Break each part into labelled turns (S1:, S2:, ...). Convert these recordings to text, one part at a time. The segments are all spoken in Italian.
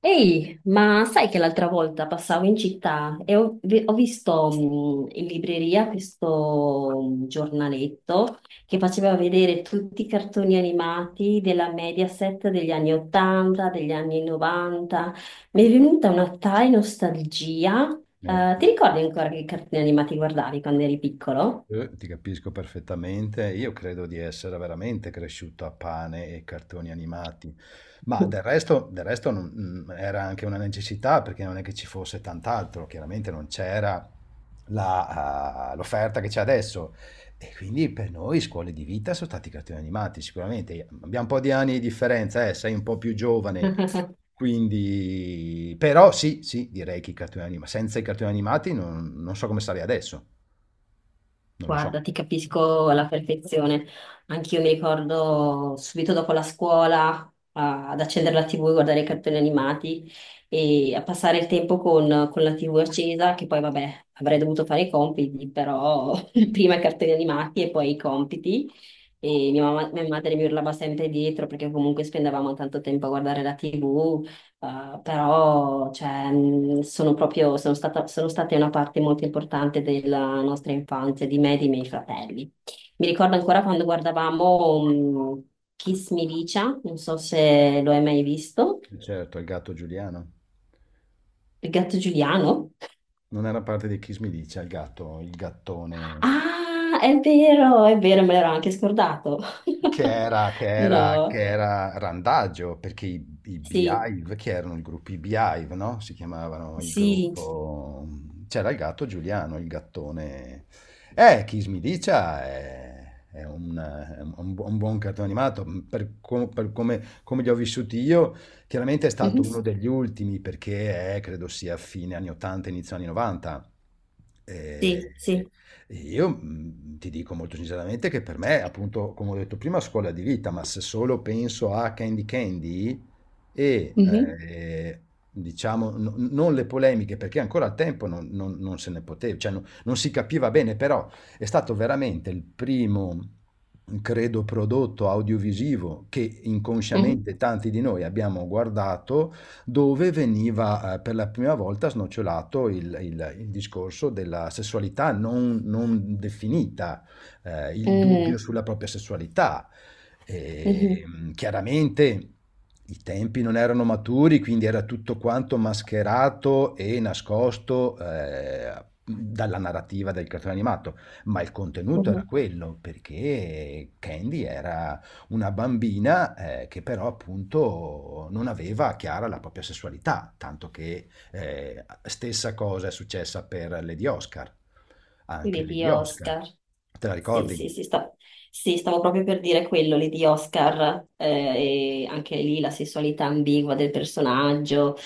S1: Ehi, ma sai che l'altra volta passavo in città e ho visto in libreria questo giornaletto che faceva vedere tutti i cartoni animati della Mediaset degli anni 80, degli anni 90. Mi è venuta una tale nostalgia.
S2: Eh,
S1: Ti ricordi ancora che cartoni animati guardavi quando eri piccolo?
S2: ti capisco perfettamente, io credo di essere veramente cresciuto a pane e cartoni animati, ma del resto era anche una necessità perché non è che ci fosse tant'altro, chiaramente non c'era l'offerta che c'è adesso e quindi per noi scuole di vita sono stati i cartoni animati, sicuramente abbiamo un po' di anni di differenza, sei un po' più giovane, quindi però sì, sì, direi che i cartoni animati, senza i cartoni animati non so come sarei adesso. Non lo so.
S1: Guarda, ti capisco alla perfezione. Anch'io mi ricordo subito dopo la scuola ad accendere la TV, guardare i cartoni animati e a passare il tempo con la TV accesa, che poi vabbè, avrei dovuto fare i compiti, però prima i cartoni animati e poi i compiti. E mia madre mi urlava sempre dietro perché comunque spendevamo tanto tempo a guardare la TV. Però cioè, sono proprio, sono stata, sono state una parte molto importante della nostra infanzia, di me e dei miei fratelli. Mi ricordo ancora quando guardavamo mh, Kiss Me Licia, non so se lo hai mai visto,
S2: Certo, il gatto Giuliano.
S1: il gatto Giuliano.
S2: Non era parte di Kiss Me Dice, il gatto, il gattone.
S1: Ah, è vero, me l'ero anche scordato.
S2: Che
S1: No,
S2: era randaggio, perché i
S1: sì,
S2: Beehive, che erano il gruppo i Beehive, no? Si chiamavano il
S1: sì.
S2: gruppo... C'era il gatto Giuliano, il gattone... Kiss Me Dicia è un bu- un buon cartone animato, per come, come li ho vissuti io, chiaramente è
S1: Mhm.
S2: stato uno degli ultimi, perché è, credo sia fine anni 80, inizio anni 90. E-
S1: Sì, sì.
S2: io ti dico molto sinceramente che per me, appunto, come ho detto prima, scuola di vita, ma se solo penso a Candy Candy e,
S1: Mhm,
S2: ehm, diciamo no non le polemiche, perché ancora al tempo non non non se ne pote cioè no non si capiva bene, però è stato veramente il primo, credo, prodotto audiovisivo che
S1: mhm,
S2: inconsciamente tanti di noi abbiamo guardato dove veniva per la prima volta snocciolato il discorso della sessualità non definita, il dubbio
S1: mm,
S2: sulla propria sessualità.
S1: mhm,
S2: Chiaramente i tempi non erano maturi, quindi era tutto quanto mascherato e nascosto dalla narrativa del cartone animato, ma il contenuto era
S1: mhm.
S2: quello, perché Candy era una bambina che però appunto non aveva chiara la propria sessualità, tanto che stessa cosa è successa per Lady Oscar, anche
S1: Quelli di
S2: Lady Oscar,
S1: Oscar.
S2: te la
S1: Sì, sì,
S2: ricordi?
S1: sì, sì, stavo proprio per dire quello lì di Oscar, e anche lì la sessualità ambigua del personaggio.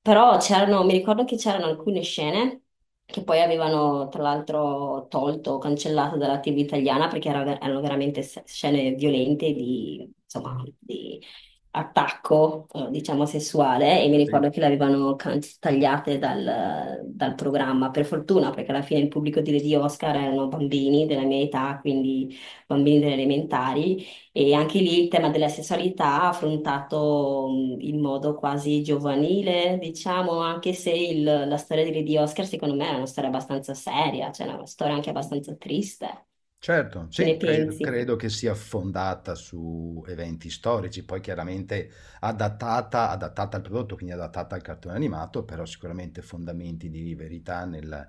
S1: Però c'erano, mi ricordo che c'erano alcune scene che poi avevano tra l'altro tolto o cancellato dalla TV italiana perché erano veramente scene violente di, insomma, di attacco, diciamo, sessuale e mi ricordo che le avevano tagliate dal programma, per fortuna, perché alla fine il pubblico di Oscar erano bambini della mia età, quindi bambini delle elementari e anche lì il tema della sessualità affrontato in modo quasi giovanile, diciamo, anche se la storia di Lady Oscar secondo me è una storia abbastanza seria, cioè una storia anche abbastanza triste.
S2: Certo,
S1: Che ne
S2: sì, credo,
S1: pensi?
S2: credo che sia fondata su eventi storici, poi chiaramente adattata al prodotto, quindi adattata al cartone animato, però sicuramente fondamenti di verità nel-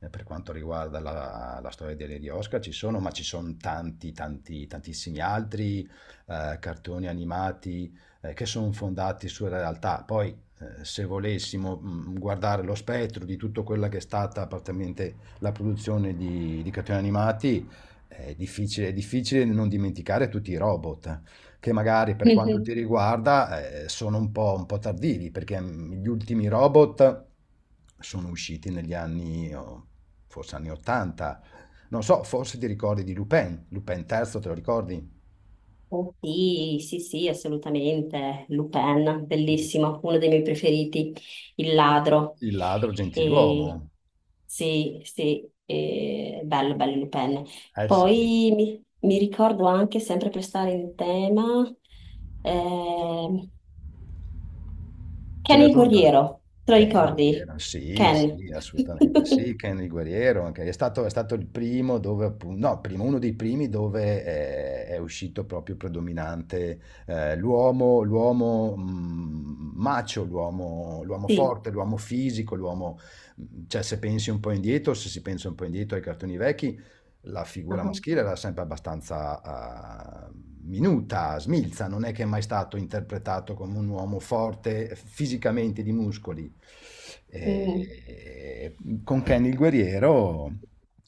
S2: eh, per quanto riguarda la storia delle di Lady Oscar ci sono, ma ci sono tanti, tanti, tantissimi altri cartoni animati che sono fondati sulla realtà. Poi, se volessimo guardare lo spettro di tutta quella che è stata praticamente la produzione di cartoni animati, è difficile non dimenticare tutti i robot, che magari per quanto ti riguarda, sono un po' tardivi, perché, gli ultimi robot sono usciti negli anni o forse anni '80. Non so, forse ti ricordi di Lupin, Lupin III te lo ricordi?
S1: Oh, sì, sì, sì, assolutamente. Lupin,
S2: Il
S1: bellissimo, uno dei miei preferiti, il ladro.
S2: il ladro
S1: E,
S2: gentiluomo.
S1: sì, sì, bello, bello Lupin.
S2: Eh sì.
S1: Poi mi ricordo anche, sempre per stare in tema, ehm,
S2: Ce
S1: Ken
S2: ne
S1: il
S2: sono tanti.
S1: guerriero, te lo
S2: Kenny
S1: ricordi?
S2: Guerriero, sì,
S1: Ken.
S2: sì, assolutamente sì, Kenny Guerriero, è stato il primo dove, appunto, no, primo, uno dei primi dove uscito proprio predominante l'uomo, l'uomo macio, l'uomo
S1: Sì.
S2: forte, l'uomo fisico, cioè se pensi un po' indietro, se si pensa un po' indietro ai cartoni vecchi, la figura
S1: Ah,
S2: maschile era sempre abbastanza minuta, smilza, non è che è mai stato interpretato come un uomo forte fisicamente di muscoli.
S1: mm.
S2: E- con Ken il guerriero,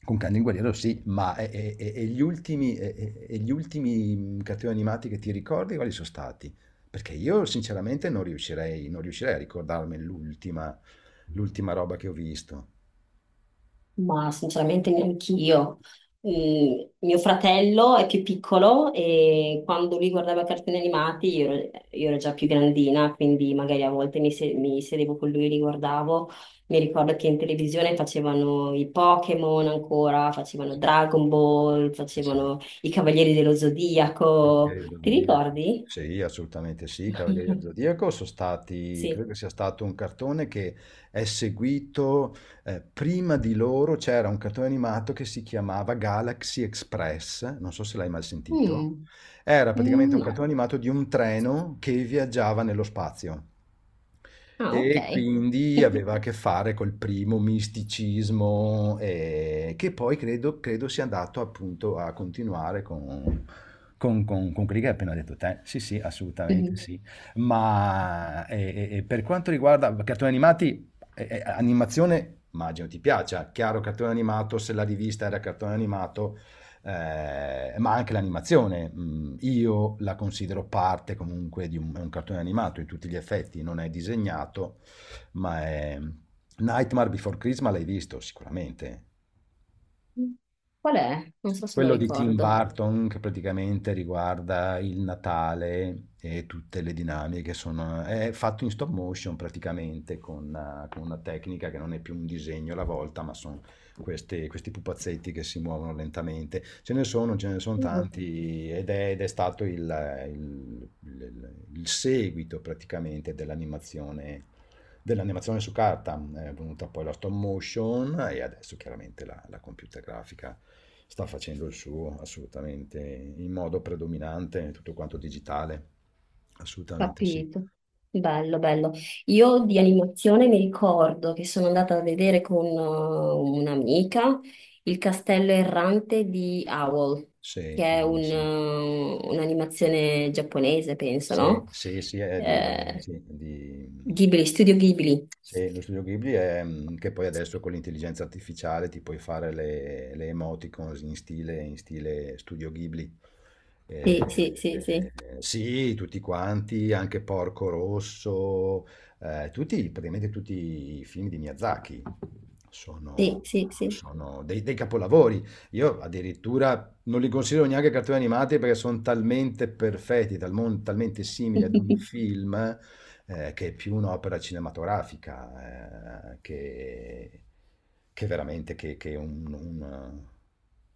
S2: con Ken il guerriero sì, ma gli ultimi, gli ultimi cattivi animati che ti ricordi quali sono stati? Perché io sinceramente non riuscirei a ricordarmi l'ultima roba che ho visto.
S1: Ma sinceramente neanch'io. Mio fratello è più piccolo e quando lui guardava cartoni animati io ero già più grandina, quindi magari a volte mi, se- mi sedevo con lui e li guardavo. Mi ricordo che in televisione facevano i Pokémon ancora, facevano Dragon Ball,
S2: Eh sì.
S1: facevano i Cavalieri dello Zodiaco.
S2: Cavalieri dello
S1: Ti
S2: Zodiaco.
S1: ricordi?
S2: Sì, assolutamente sì, Cavalieri dello Zodiaco sono stati, credo
S1: Sì.
S2: che sia stato un cartone che è seguito, prima di loro c'era un cartone animato che si chiamava Galaxy Express, non so se l'hai mai sentito,
S1: Mm,
S2: era praticamente
S1: mm,
S2: un
S1: no.
S2: cartone animato di un treno che viaggiava nello spazio.
S1: Ah, ok.
S2: E quindi aveva a che fare col primo misticismo, che poi credo, credo sia andato appunto a continuare con quelli che hai appena detto te. Sì, sì, assolutamente sì. Per quanto riguarda cartoni animati, animazione, immagino ti piaccia. Chiaro, cartone animato, se la rivista era cartone animato, ma anche l'animazione. Io la considero parte comunque di un, è un cartone animato in tutti gli effetti, non è disegnato, ma è... Nightmare Before Christmas l'hai visto sicuramente.
S1: Qual è? Non so se lo
S2: Quello di Tim
S1: ricordo.
S2: Burton che praticamente riguarda il Natale e tutte le dinamiche sono, è fatto in stop motion praticamente con una tecnica che non è più un disegno alla volta, ma sono questi pupazzetti che si muovono lentamente. Ce ne sono
S1: Mm.
S2: tanti ed è stato il seguito praticamente dell'animazione dell'animazione su carta è venuta poi la stop motion e adesso chiaramente la computer grafica sta facendo il suo assolutamente in modo predominante, tutto quanto digitale. Assolutamente sì.
S1: Capito. Bello, bello. Io di animazione mi ricordo che sono andata a vedere con un'amica il Castello Errante di Howl,
S2: Sì,
S1: che è
S2: bellissimo.
S1: un'animazione giapponese, penso,
S2: Sì,
S1: no?
S2: sì, sì, è di,
S1: Eh,
S2: sì, di-
S1: Ghibli, Studio Ghibli.
S2: Sì, lo studio Ghibli è che poi adesso con l'intelligenza artificiale ti puoi fare le emoticons in stile studio Ghibli. Eh,
S1: Sì, sì, sì, sì,
S2: eh, sì, tutti quanti, anche Porco Rosso, tutti, praticamente tutti i film di Miyazaki
S1: sì,
S2: sono,
S1: sì, sì.
S2: sono dei capolavori. Io addirittura non li considero neanche cartoni animati perché sono talmente perfetti, talmente simili ad un film che è più un'opera cinematografica che veramente che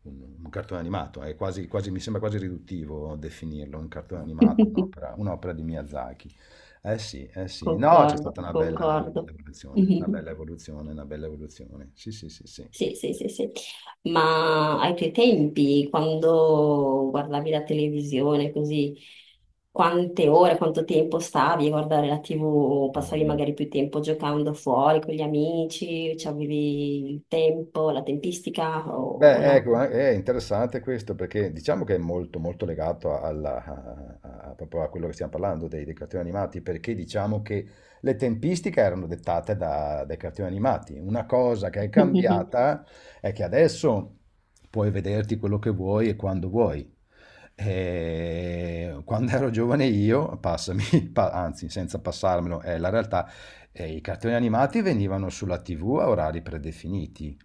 S2: un cartone animato. Mi sembra quasi riduttivo definirlo un cartone animato, un'opera di Miyazaki. Eh sì, eh sì. No, c'è
S1: Concordo,
S2: stata una bella
S1: concordo.
S2: evoluzione, una bella evoluzione, una bella evoluzione. Sì, sì, sì, sì.
S1: Sì, sì, sì, sì. Ma ai tuoi tempi, quando guardavi la televisione, così, quante ore, quanto tempo stavi a guardare la TV? Passavi
S2: Mm.
S1: magari più tempo giocando fuori con gli amici? Cioè, avevi il tempo, la tempistica o
S2: Beh,
S1: no?
S2: ecco, è interessante questo perché diciamo che è molto, molto legato proprio a quello che stiamo parlando dei cartoni animati, perché diciamo che le tempistiche erano dettate dai cartoni animati. Una cosa che è cambiata è che adesso puoi vederti quello che vuoi. E quando ero giovane io, passami, anzi, senza passarmelo, è la realtà, i cartoni animati venivano sulla TV a orari predefiniti.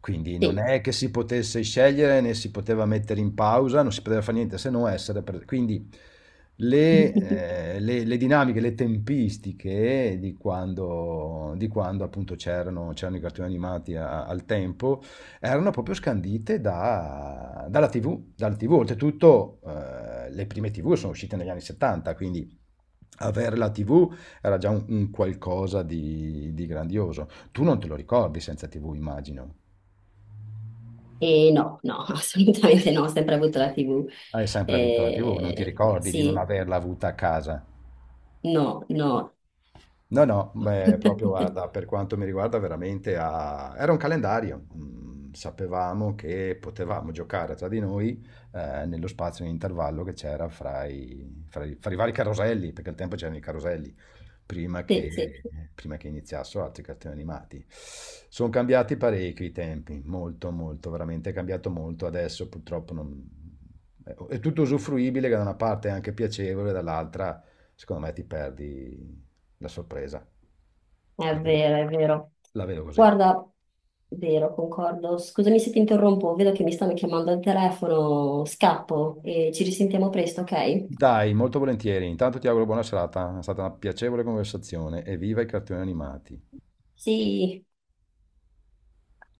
S2: Quindi non
S1: Sì.
S2: è che si potesse scegliere, né si poteva mettere in pausa, non si poteva fare niente se non essere Quindi le, le dinamiche, le tempistiche di quando appunto c'erano i cartoni animati al tempo erano proprio scandite dalla TV, dal TV. Oltretutto, le prime TV sono uscite negli anni 70, quindi avere la TV era già un qualcosa di grandioso. Tu non te lo ricordi senza TV, immagino.
S1: E no, no, assolutamente no, ho sempre avuto la TV.
S2: Hai sempre avuto la TV, non ti ricordi di non
S1: Sì,
S2: averla avuta a casa?
S1: no, no.
S2: No, no, beh, proprio guarda, per quanto mi riguarda veramente era un calendario. Mm, sapevamo che potevamo giocare tra di noi nello spazio in intervallo che c'era fra i fra i vari caroselli, perché al tempo c'erano i caroselli prima
S1: Sì, sì.
S2: che, prima che iniziassero altri cartoni animati. Sono cambiati parecchio i tempi, molto, molto, veramente è cambiato molto. Adesso purtroppo è tutto usufruibile, che da una parte è anche piacevole, dall'altra secondo me ti perdi la sorpresa.
S1: È
S2: La vedo,
S1: vero, è vero.
S2: la vedo così.
S1: Guarda, vero, concordo. Scusami se ti interrompo, vedo che mi stanno chiamando al telefono, scappo e ci risentiamo presto, ok?
S2: Dai, molto volentieri. Intanto ti auguro buona serata, è stata una piacevole conversazione e viva i cartoni animati.
S1: Sì.